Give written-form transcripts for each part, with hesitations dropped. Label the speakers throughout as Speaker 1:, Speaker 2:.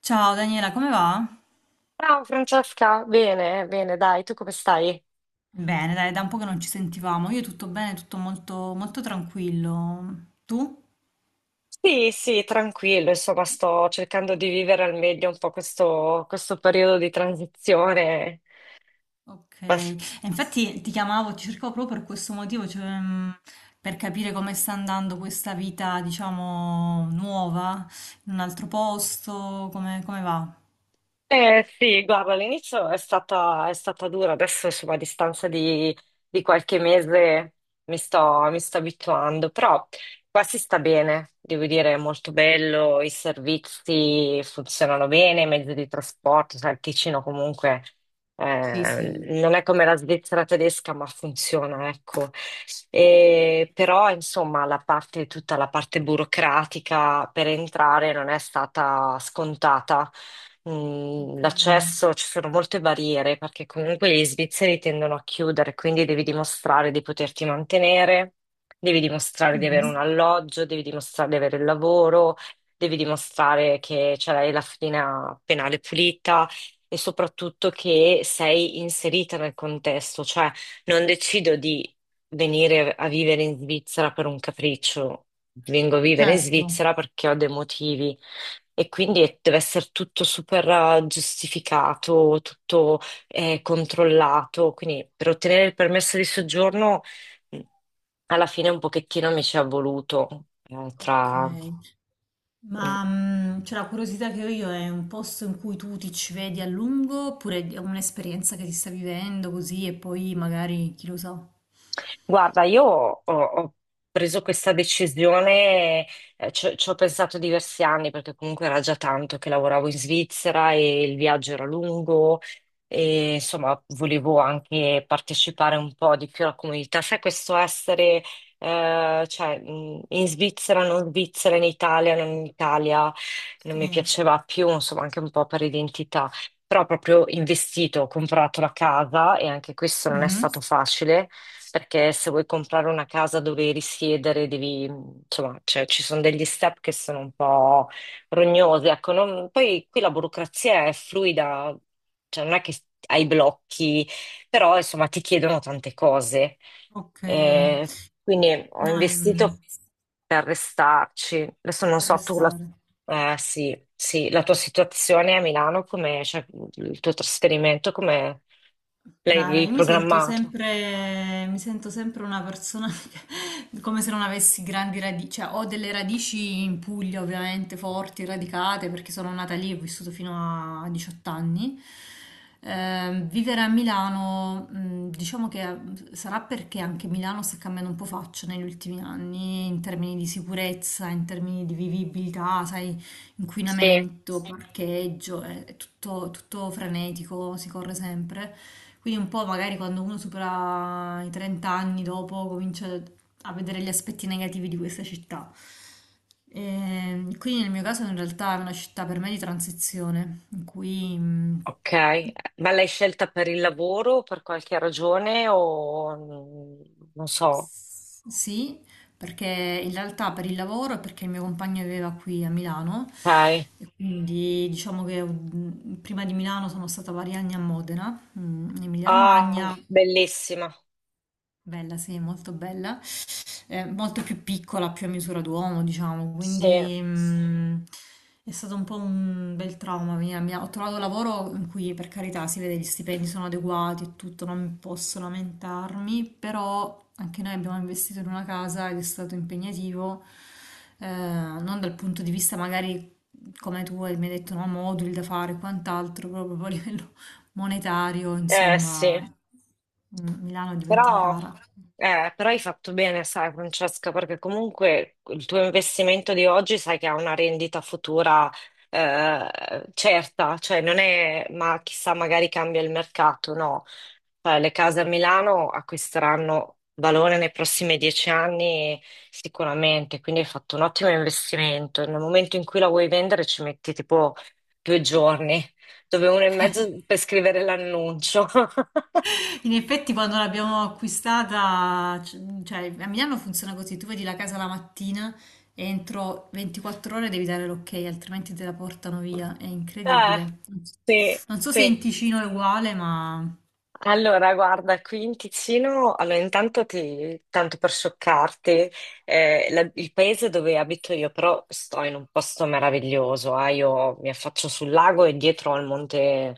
Speaker 1: Ciao Daniela, come va?
Speaker 2: Ciao Francesca, bene, bene, dai, tu come stai?
Speaker 1: Bene, dai, da un po' che non ci sentivamo. Io tutto bene, tutto molto, molto tranquillo. Tu?
Speaker 2: Sì, sì, tranquillo, insomma, sto cercando di vivere al meglio un po' questo periodo di transizione.
Speaker 1: Ok. E infatti ti chiamavo, ti cercavo proprio per questo motivo, cioè, per capire come sta andando questa vita, diciamo, nuova, in un altro posto, come, come va?
Speaker 2: Eh sì, guarda, all'inizio è stata dura, adesso insomma a distanza di qualche mese mi sto abituando, però qua si sta bene, devo dire, è molto bello, i servizi funzionano bene, i mezzi di trasporto, sai, il Ticino comunque
Speaker 1: Sì, sì.
Speaker 2: non è come la Svizzera tedesca, ma funziona, ecco. E però insomma la parte, tutta la parte burocratica per entrare non è stata scontata.
Speaker 1: Ok.
Speaker 2: L'accesso, ci sono molte barriere perché comunque gli svizzeri tendono a chiudere, quindi devi dimostrare di poterti mantenere, devi dimostrare di avere un
Speaker 1: Mhm.
Speaker 2: alloggio, devi dimostrare di avere il lavoro, devi dimostrare che ce l'hai la fedina penale pulita. E soprattutto che sei inserita nel contesto, cioè non decido di venire a vivere in Svizzera per un capriccio, vengo a vivere in
Speaker 1: Certo.
Speaker 2: Svizzera perché ho dei motivi. E quindi deve essere tutto super giustificato, tutto controllato. Quindi per ottenere il permesso di soggiorno, mh, alla fine un pochettino mi ci è voluto eh,
Speaker 1: Ok.
Speaker 2: tra... Mm.
Speaker 1: Ma cioè, la curiosità che ho io è un posto in cui tu ti ci vedi a lungo oppure è un'esperienza che ti sta vivendo così e poi magari chi lo sa?
Speaker 2: Guarda, io ho preso questa decisione, ci ho pensato diversi anni perché comunque era già tanto che lavoravo in Svizzera e il viaggio era lungo e insomma volevo anche partecipare un po' di più alla comunità. Sai, questo essere, cioè, in Svizzera, non Svizzera, in Italia, non mi
Speaker 1: Sì.
Speaker 2: piaceva più, insomma, anche un po' per identità. Però ho proprio investito, ho comprato la casa e anche questo non è
Speaker 1: Mhm.
Speaker 2: stato facile perché se vuoi comprare una casa dove risiedere devi, insomma, cioè, ci sono degli step che sono un po' rognosi. Ecco, poi qui la burocrazia è fluida, cioè non è che hai blocchi, però insomma ti chiedono tante cose.
Speaker 1: Ok,
Speaker 2: Eh, quindi ho
Speaker 1: no, è
Speaker 2: investito per restarci. Adesso non
Speaker 1: per
Speaker 2: so tu
Speaker 1: restare.
Speaker 2: sì, sì, la tua situazione a Milano, come, cioè, il tuo trasferimento, come
Speaker 1: No, no,
Speaker 2: l'avevi
Speaker 1: io
Speaker 2: programmato?
Speaker 1: mi sento sempre una persona come se non avessi grandi radici, cioè ho delle radici in Puglia ovviamente forti, radicate, perché sono nata lì e ho vissuto fino a 18 anni. Vivere a Milano, diciamo che sarà perché anche Milano sta cambiando un po' faccia negli ultimi anni in termini di sicurezza, in termini di vivibilità, sai,
Speaker 2: Sì.
Speaker 1: inquinamento, sì, parcheggio, è tutto frenetico, si corre sempre. Quindi un po' magari quando uno supera i 30 anni dopo comincia a vedere gli aspetti negativi di questa città. Quindi nel mio caso in realtà è una città per me di transizione, in cui
Speaker 2: Ok, ma l'hai scelta per il lavoro o per qualche ragione o non so.
Speaker 1: sì, perché in realtà per il lavoro e perché il mio compagno viveva qui a Milano
Speaker 2: Ok.
Speaker 1: e quindi diciamo che prima di Milano sono stata vari anni a Modena, in Emilia
Speaker 2: Ah,
Speaker 1: Romagna,
Speaker 2: bellissima.
Speaker 1: bella sì, molto bella. Molto più piccola, più a misura d'uomo, diciamo,
Speaker 2: Sì,
Speaker 1: quindi è stato un po' un bel trauma. Venire a Milano. Ho trovato lavoro in cui, per carità, si vede gli stipendi sono adeguati e tutto, non posso lamentarmi, però anche noi abbiamo investito in una casa ed è stato impegnativo, non dal punto di vista magari mi hai detto, no, moduli da fare e quant'altro, proprio a livello monetario,
Speaker 2: eh
Speaker 1: insomma,
Speaker 2: sì.
Speaker 1: Milano è diventata
Speaker 2: Però,
Speaker 1: cara.
Speaker 2: però hai fatto bene, sai, Francesca, perché comunque il tuo investimento di oggi sai che ha una rendita futura certa, cioè non è, ma chissà, magari cambia il mercato, no. Cioè, le case a Milano acquisteranno valore nei prossimi 10 anni sicuramente, quindi hai fatto un ottimo investimento. Nel momento in cui la vuoi vendere ci metti tipo 2 giorni, dove uno e mezzo per scrivere l'annuncio.
Speaker 1: In effetti, quando l'abbiamo acquistata, cioè a Milano funziona così: tu vedi la casa la mattina e entro 24 ore devi dare l'ok, altrimenti te la portano via. È
Speaker 2: Eh,
Speaker 1: incredibile. Non so
Speaker 2: sì,
Speaker 1: non so se
Speaker 2: sì.
Speaker 1: in Ticino è uguale, ma
Speaker 2: Allora, guarda, qui in Ticino, allora intanto tanto per scioccarti, il paese dove abito io, però sto in un posto meraviglioso, io mi affaccio sul lago e dietro al monte,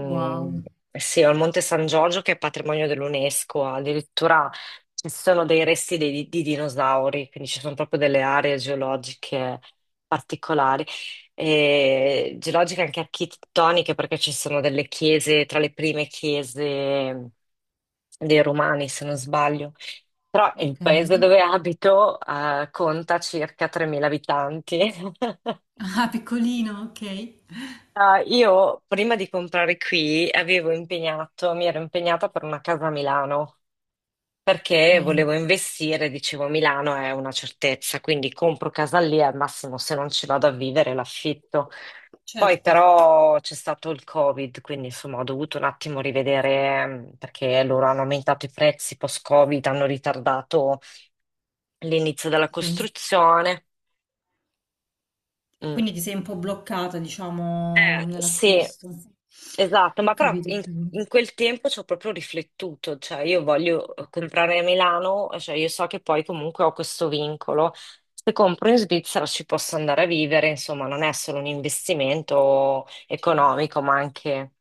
Speaker 1: wow,
Speaker 2: sì, al monte San Giorgio che è patrimonio dell'UNESCO, addirittura ci sono dei resti di dinosauri, quindi ci sono proprio delle aree geologiche particolari e geologiche anche architettoniche, perché ci sono delle chiese, tra le prime chiese dei Romani, se non sbaglio. Però il
Speaker 1: ok.
Speaker 2: paese dove abito, conta circa 3.000 abitanti.
Speaker 1: Ah, piccolino, ok.
Speaker 2: Io prima di comprare qui avevo impegnato, mi ero impegnata per una casa a Milano perché
Speaker 1: Ok,
Speaker 2: volevo investire, dicevo Milano è una certezza, quindi compro casa lì al massimo se non ci vado a vivere l'affitto. Poi
Speaker 1: certo.
Speaker 2: però c'è stato il Covid, quindi insomma ho dovuto un attimo rivedere perché loro hanno aumentato i prezzi post-Covid, hanno ritardato l'inizio della
Speaker 1: Ti sei-
Speaker 2: costruzione.
Speaker 1: E
Speaker 2: Mm.
Speaker 1: quindi ti sei un po' bloccata, diciamo,
Speaker 2: Sì,
Speaker 1: nell'acquisto.
Speaker 2: esatto,
Speaker 1: Ho
Speaker 2: ma però
Speaker 1: capito, ho
Speaker 2: in,
Speaker 1: capito.
Speaker 2: in quel tempo ci ho proprio riflettuto, cioè io voglio comprare a Milano, cioè io so che poi comunque ho questo vincolo. Se compro in Svizzera ci posso andare a vivere, insomma, non è solo un investimento
Speaker 1: Certo.
Speaker 2: economico, ma anche.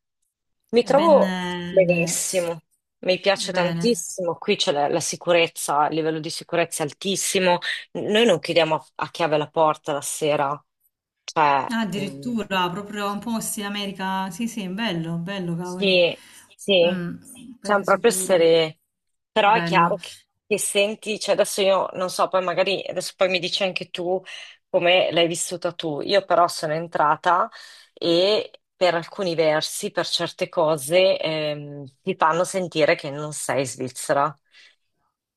Speaker 2: Mi
Speaker 1: È ben
Speaker 2: trovo
Speaker 1: diverso.
Speaker 2: benissimo, mi piace
Speaker 1: Bene.
Speaker 2: tantissimo, qui c'è la sicurezza, il livello di sicurezza è altissimo, noi non chiudiamo a chiave la porta la sera, cioè,
Speaker 1: Ah, addirittura proprio un po' sì, America. Sì, sì, bello, bello, cavoli.
Speaker 2: sì, sì,
Speaker 1: Mm,
Speaker 2: siamo
Speaker 1: paese
Speaker 2: proprio
Speaker 1: sicuro.
Speaker 2: essere, però è chiaro
Speaker 1: Bello.
Speaker 2: che senti, cioè adesso io non so, poi magari adesso poi mi dici anche tu come l'hai vissuta tu, io però sono entrata e per alcuni versi, per certe cose, ti fanno sentire che non sei svizzera.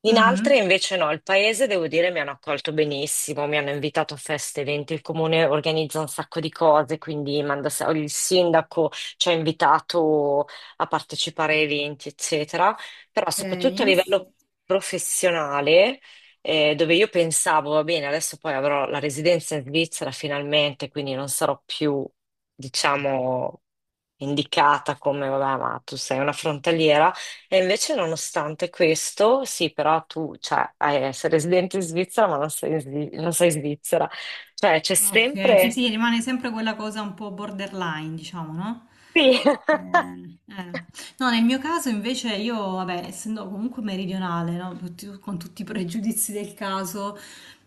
Speaker 2: In altre
Speaker 1: Mhm.
Speaker 2: invece no, il paese devo dire mi hanno accolto benissimo, mi hanno invitato a feste, eventi, il comune organizza un sacco di cose, quindi manda, il sindaco ci ha invitato a partecipare a eventi, eccetera, però
Speaker 1: Ok.
Speaker 2: soprattutto a livello professionale, dove io pensavo, va bene, adesso poi avrò la residenza in Svizzera finalmente, quindi non sarò più, diciamo, indicata come, vabbè, ma tu sei una frontaliera. E invece, nonostante questo, sì, però tu, cioè, sei residente in Svizzera, ma non sei svizzera. Cioè, c'è
Speaker 1: Ok, sì,
Speaker 2: sempre...
Speaker 1: sì, rimane sempre quella cosa un po' borderline, diciamo, no?
Speaker 2: Sì.
Speaker 1: Eh. No, nel mio caso invece io, vabbè, essendo comunque meridionale, no, con tutti i pregiudizi del caso,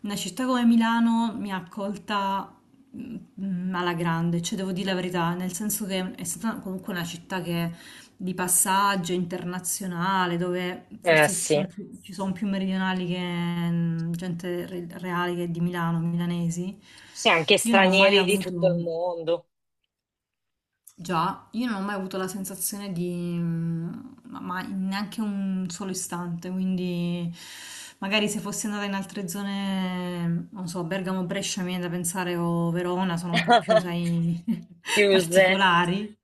Speaker 1: una città come Milano mi ha accolta mm, alla grande, cioè devo dire la verità, nel senso che è stata comunque una città che di passaggio internazionale, dove forse
Speaker 2: Sì.
Speaker 1: ci son più meridionali che gente reale che di Milano, milanesi.
Speaker 2: Sì, anche
Speaker 1: Io non ho mai
Speaker 2: stranieri di tutto il
Speaker 1: avuto.
Speaker 2: mondo.
Speaker 1: Già, io non ho mai avuto la sensazione di, mm, ma in neanche un solo istante, quindi magari se fossi andata in altre zone, non so, Bergamo, Brescia, mi viene da pensare o Verona, sono un po' più, sai,
Speaker 2: Chiuse.
Speaker 1: particolari.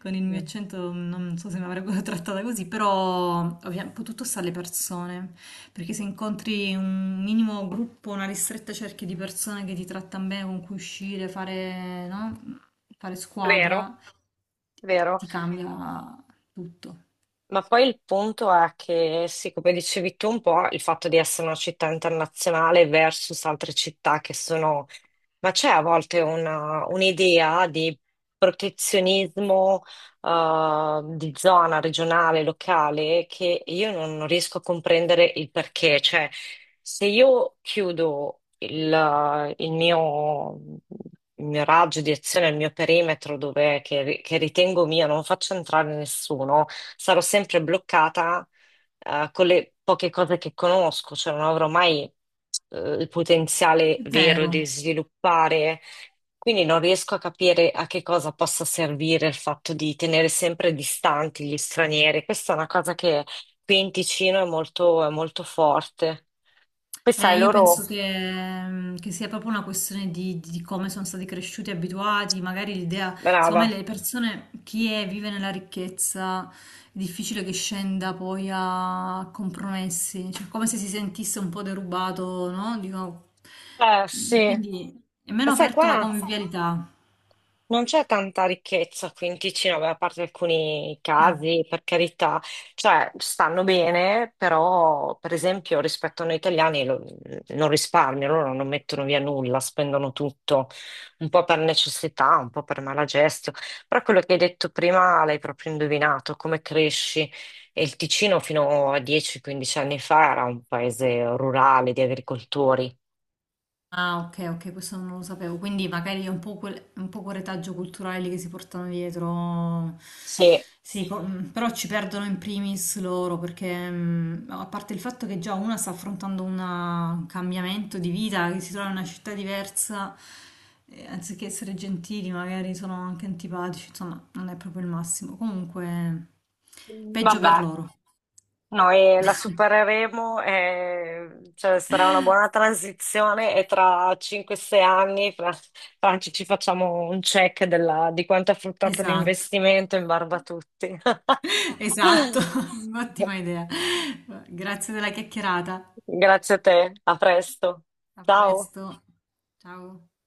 Speaker 1: Con il mio
Speaker 2: Mm.
Speaker 1: accento non so se mi avrebbero trattata così, però ovviamente poi tutto sta alle persone, perché se incontri un minimo gruppo, una ristretta cerchia di persone che ti trattano bene, con cui uscire, fare, no? Fare
Speaker 2: Vero,
Speaker 1: squadra, ti
Speaker 2: vero.
Speaker 1: ti cambia tutto.
Speaker 2: Ma poi il punto è che, sì, come dicevi tu un po', il fatto di essere una città internazionale versus altre città che sono. Ma c'è a volte un'idea di protezionismo di zona regionale, locale, che io non riesco a comprendere il perché. Cioè, se io chiudo il mio raggio di azione, il mio perimetro dove, che ritengo mio, non faccio entrare nessuno, sarò sempre bloccata con le poche cose che conosco, cioè non avrò mai il potenziale
Speaker 1: È
Speaker 2: vero di
Speaker 1: vero.
Speaker 2: sviluppare. Quindi non riesco a capire a che cosa possa servire il fatto di tenere sempre distanti gli stranieri. Questa è una cosa che qui in Ticino è molto, forte. Poi sai,
Speaker 1: Io
Speaker 2: loro...
Speaker 1: penso che, che sia proprio una questione di come sono stati cresciuti, abituati, magari l'idea, secondo me
Speaker 2: Brava.
Speaker 1: le persone, chi è, vive nella ricchezza, è difficile che scenda poi a compromessi, cioè come se si sentisse un po' derubato, no? Dico,
Speaker 2: Eh sì.
Speaker 1: quindi è meno
Speaker 2: Ma sai,
Speaker 1: aperto alla
Speaker 2: qua.
Speaker 1: convivialità.
Speaker 2: Non c'è tanta ricchezza qui in Ticino, beh, a parte alcuni
Speaker 1: Eh.
Speaker 2: casi, per carità, cioè stanno bene, però per esempio rispetto a noi italiani non risparmiano, loro non mettono via nulla, spendono tutto, un po' per necessità, un po' per malagestio, però quello che hai detto prima l'hai proprio indovinato, come cresci? E il Ticino fino a 10-15 anni fa era un paese rurale di agricoltori.
Speaker 1: Ah, ok, ok, questo non lo sapevo. Quindi magari è un po' quel retaggio culturale lì che si portano dietro.
Speaker 2: Sì,
Speaker 1: Sì, però ci perdono in primis loro perché, a parte il fatto che già una sta affrontando una- un cambiamento di vita, che si trova in una città diversa, anziché essere gentili, magari sono anche antipatici, insomma, non è proprio il massimo. Comunque, peggio
Speaker 2: vabbè.
Speaker 1: per loro.
Speaker 2: Noi la supereremo, cioè, sarà una buona transizione e tra 5-6 anni, Franci, ci facciamo un check di quanto è fruttato
Speaker 1: Esatto.
Speaker 2: l'investimento in barba a tutti.
Speaker 1: Esatto, ottima idea. Grazie della chiacchierata.
Speaker 2: Grazie a te, a presto.
Speaker 1: A
Speaker 2: Ciao.
Speaker 1: presto. Ciao.